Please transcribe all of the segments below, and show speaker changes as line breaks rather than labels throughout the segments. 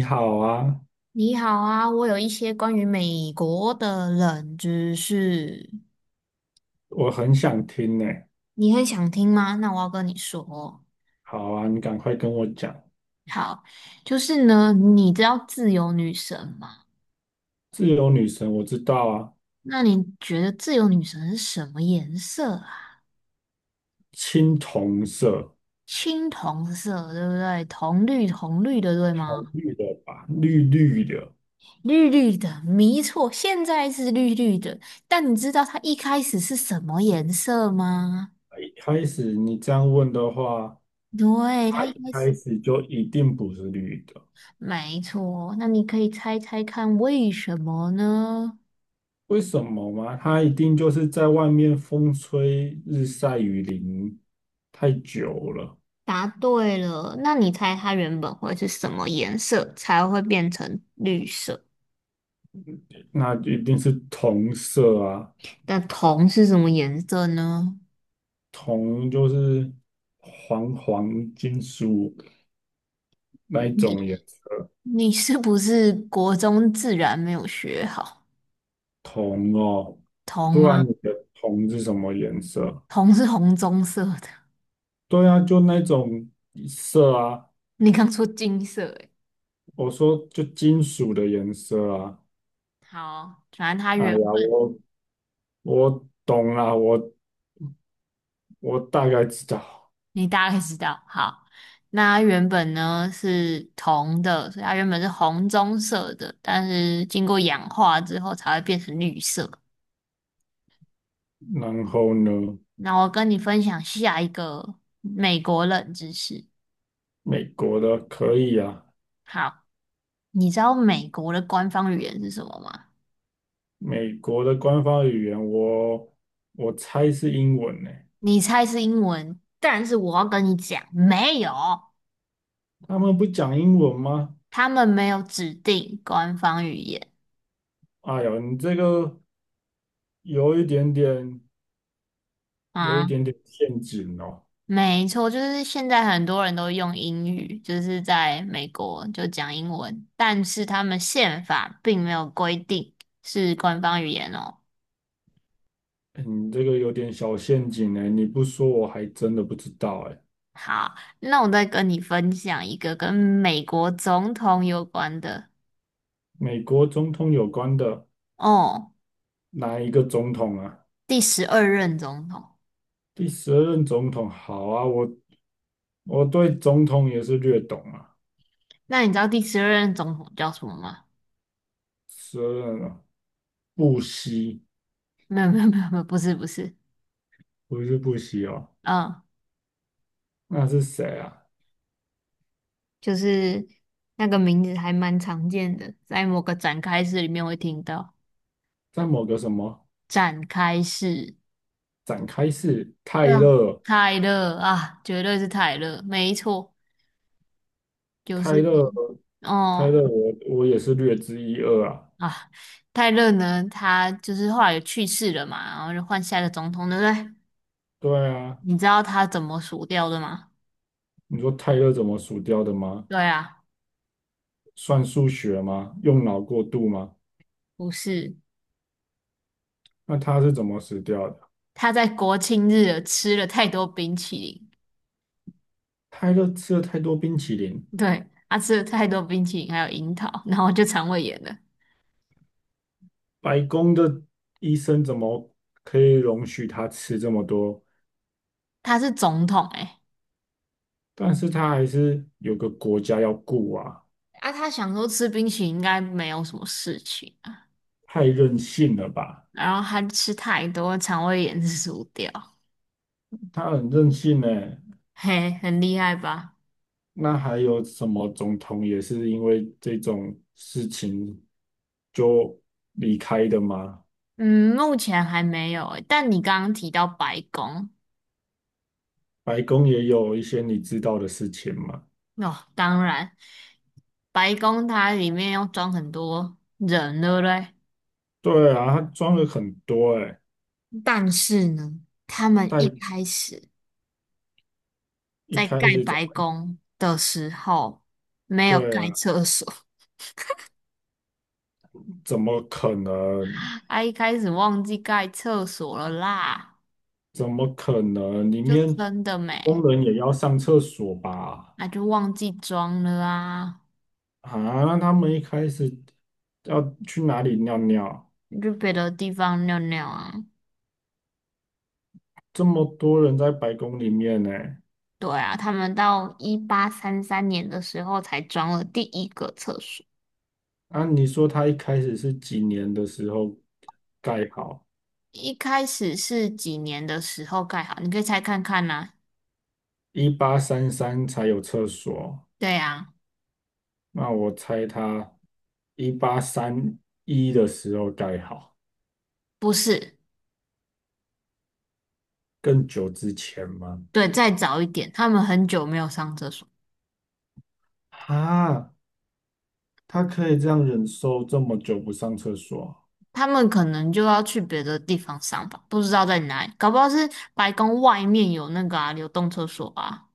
你好啊。
你好啊，我有一些关于美国的冷知识，
我很想听呢。
你很想听吗？那我要跟你说，
好啊，你赶快跟我讲。
好，就是呢，你知道自由女神吗？
自由女神我知道啊，
那你觉得自由女神是什么颜色啊？
青铜色，
青铜色，对不对？铜绿铜绿的，对
好
吗？
绿的吧，绿绿的。
绿绿的，没错，现在是绿绿的，但你知道它一开始是什么颜色吗？
一开始你这样问的话，
对，
它
它一
一
开
开
始。
始就一定不是绿的。
没错，那你可以猜猜看为什么呢？
为什么吗？它一定就是在外面风吹日晒雨淋太久了。
答对了，那你猜它原本会是什么颜色才会变成绿色？
那一定是铜色啊。
那铜是什么颜色呢？
铜就是黄黄金属。那一种颜
你
色？
你是不是国中自然没有学好？
铜哦。
铜
不然
啊，
你的铜是什么颜色？
铜是红棕色的，
对啊，就那种色啊。
你刚说金色诶。
我说就金属的颜色啊。
好，反正它
哎
原
呀，我懂啦，我大概知道。
你大概知道，好，那它原本呢是铜的，所以它原本是红棕色的，但是经过氧化之后才会变成绿色。
然后呢，
那我跟你分享下一个美国冷知识。
美国的可以啊。
好，你知道美国的官方语言是什么吗？
美国的官方语言我猜是英文呢。
你猜是英文，但是我要跟你讲，没有，
他们不讲英文吗？
他们没有指定官方语言。
哎呦，你这个有一点点，有一
啊。
点点陷阱哦。
没错，就是现在很多人都用英语，就是在美国就讲英文，但是他们宪法并没有规定是官方语言哦。
哎你这个有点小陷阱哎，你不说我还真的不知道哎。
好，那我再跟你分享一个跟美国总统有关的
美国总统有关的
哦，
哪一个总统啊？
第十二任总统。
第12任总统，好啊，我对总统也是略懂啊。
那你知道第十二任总统叫什么吗？
十二任啊，布希
没有，没有，没有，没有不是，不是，
不是布希哦，
嗯，
那是谁啊？
就是那个名字还蛮常见的，在某个展开式里面会听到
在某个什么
展开式。
展开式？泰
对啊，
勒，
泰勒啊，绝对是泰勒，没错，就是
泰勒，
你
泰
哦
勒我也是略知一二啊。
啊，泰勒呢，他就是后来有去世了嘛，然后就换下一个总统，对不对？
对啊，
你知道他怎么死掉的吗？
你说泰勒怎么数掉的吗？
对啊，
算数学吗？用脑过度吗？
不是，
那他是怎么死掉的？
他在国庆日吃了太多冰淇淋，
他勒吃了太多冰淇淋。
对，他吃了太多冰淇淋，还有樱桃，然后就肠胃炎了。
白宫的医生怎么可以容许他吃这么多？
他是总统诶、
但是他还是有个国家要顾啊。
啊，他想说吃冰淇淋应该没有什么事情啊，
太任性了吧？
然后他吃太多，肠胃炎是输掉。
他很任性呢。
嘿，很厉害吧？
那还有什么总统也是因为这种事情就离开的吗？
嗯，目前还没有欸，但你刚刚提到白宫，
白宫也有一些你知道的事情嘛？
哦，当然，白宫它里面要装很多人，对不对？
对啊，他装了很多哎。
但是呢，他们一
但
开始
一
在
开
盖
始怎
白
么？
宫的时候没有
对
盖
啊。
厕所，
怎么可能？
他一开始忘记盖厕所了啦，
怎么可能？里
就
面
真的没，
工人也要上厕所吧？
那就忘记装了啊，
啊，那他们一开始要去哪里尿尿？
就别的地方尿尿啊。
这么多人在白宫里面呢。
对啊，他们到1833年的时候才装了第一个厕所。
啊，你说他一开始是几年的时候盖好？
一开始是几年的时候盖好？你可以猜看看呐、
1833才有厕所。
对啊，
那我猜他一八三一的时候盖好。
不是，
更久之前吗？
对，再早一点，他们很久没有上厕所，
啊，他可以这样忍受这么久不上厕所
他们可能就要去别的地方上吧，不知道在哪里，搞不好是白宫外面有那个啊流动厕所啊。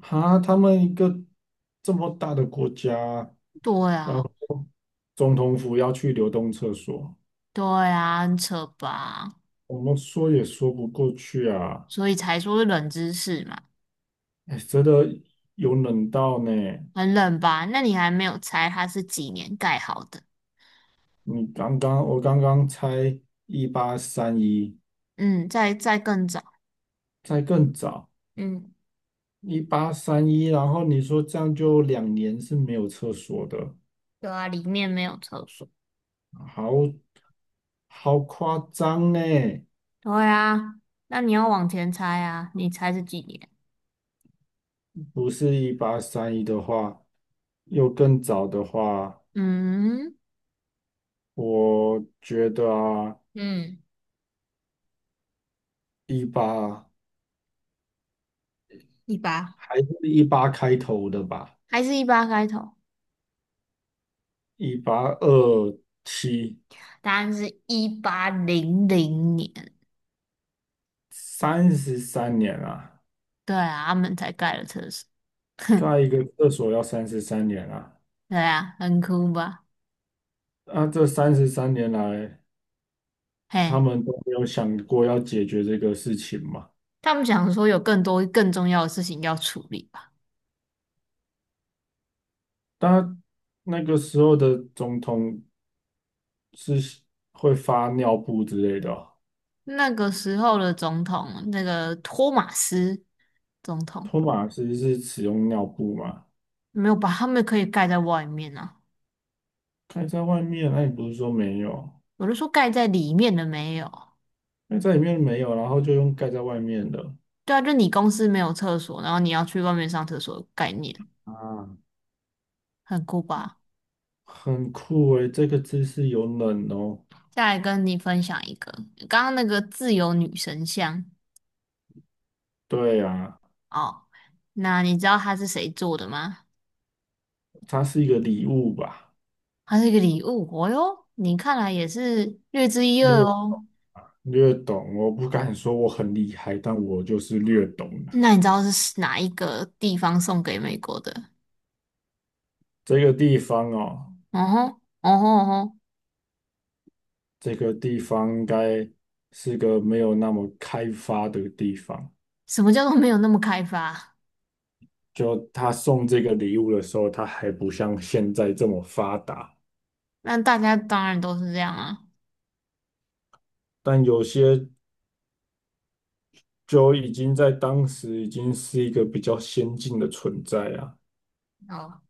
啊？哈，他们一个这么大的国家，
对
然
啊，
后总统府要去流动厕所，
对啊，很扯吧？
我们说也说不过去啊。
所以才说是冷知识嘛，
哎，真的有冷到呢。
很冷吧？那你还没有猜它是几年盖好的？
你刚刚我刚刚猜一八三一，
嗯，再更早，
再更早
嗯，
一八三一，一八三一然后你说这样就2年是没有厕所的。
对啊，里面没有厕所。
好，好夸张呢。
对啊，那你要往前猜啊，你猜是几年？
不是一八三一的话，又更早的话，
嗯，
我觉得啊，
嗯，
一八
一八，
还是一八开头的吧，
还是一八开头？
1827，
答案是1800年。
三十三年啊。
对啊，他们才盖了厕所。
盖一个厕所要三十三年啊。
对啊，很酷吧？
那这三十三年来，他
嘿，
们都没有想过要解决这个事情嘛？
他们想说有更多更重要的事情要处理吧？
但那个时候的总统是会发尿布之类的哦。
那个时候的总统，那个托马斯总统，
托马斯是使用尿布吗？
没有把他们可以盖在外面啊。
盖在外面，那你不是说没有？
我就说盖在里面的没有，
那在里面没有，然后就用盖在外面的。
对啊，就你公司没有厕所，然后你要去外面上厕所概念，
啊，
很酷吧？
很酷诶，这个姿势有冷哦。
再来跟你分享一个，刚刚那个自由女神像
对啊，
哦，那你知道它是谁做的吗？
它是一个礼物吧？
它是一个礼物，哦哟，你看来也是略知一二
略
哦。
略懂，我不敢说我很厉害，但我就是略懂啊。
那你知道是哪一个地方送给美国的？
这个地方哦，
哦吼，哦吼哦吼，
这个地方应该是个没有那么开发的地方。
什么叫做没有那么开发？
就他送这个礼物的时候，他还不像现在这么发达。
那大家当然都是这样啊。
但有些就已经在当时已经是一个比较先进的存在啊。
哦，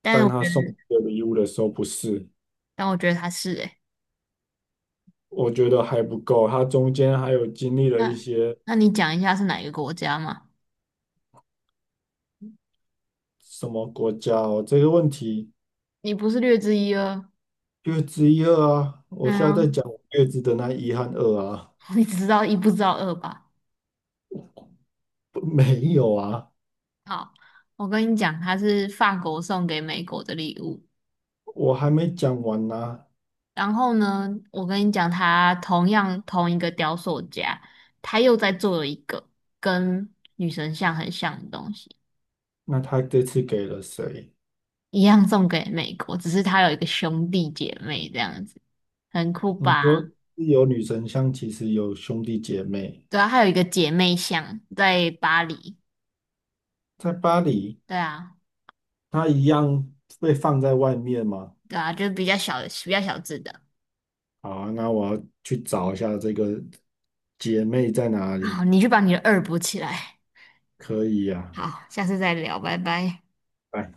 但
但
我觉
他送
得，
这个礼物的时候不是，
但我觉得他是诶、
我觉得还不够，他中间还有经历了一
那
些
那你讲一下是哪一个国家嘛？
什么国家哦。这个问题
你不是略知一二，
月之一二啊，我现在在
嗯，
讲我月之的那一和二啊。
你只知道一不知道二吧？
不，没有啊，
好，我跟你讲，它是法国送给美国的礼物。
我还没讲完呢。
然后呢，我跟你讲，他同样同一个雕塑家，他又在做了一个跟女神像很像的东西，
那他这次给了谁？
一样送给美国，只是他有一个兄弟姐妹这样子，很酷
你说
吧？
有女神像，其实有兄弟姐妹，
对啊，还有一个姐妹像在巴黎，
在巴黎。
对啊。
它一样被放在外面吗？
对啊，就是比较小字的。
好啊，那我要去找一下这个姐妹在哪
好，
里。
你去把你的二补起来。
可以呀，
好，下次再聊，拜拜。
哎。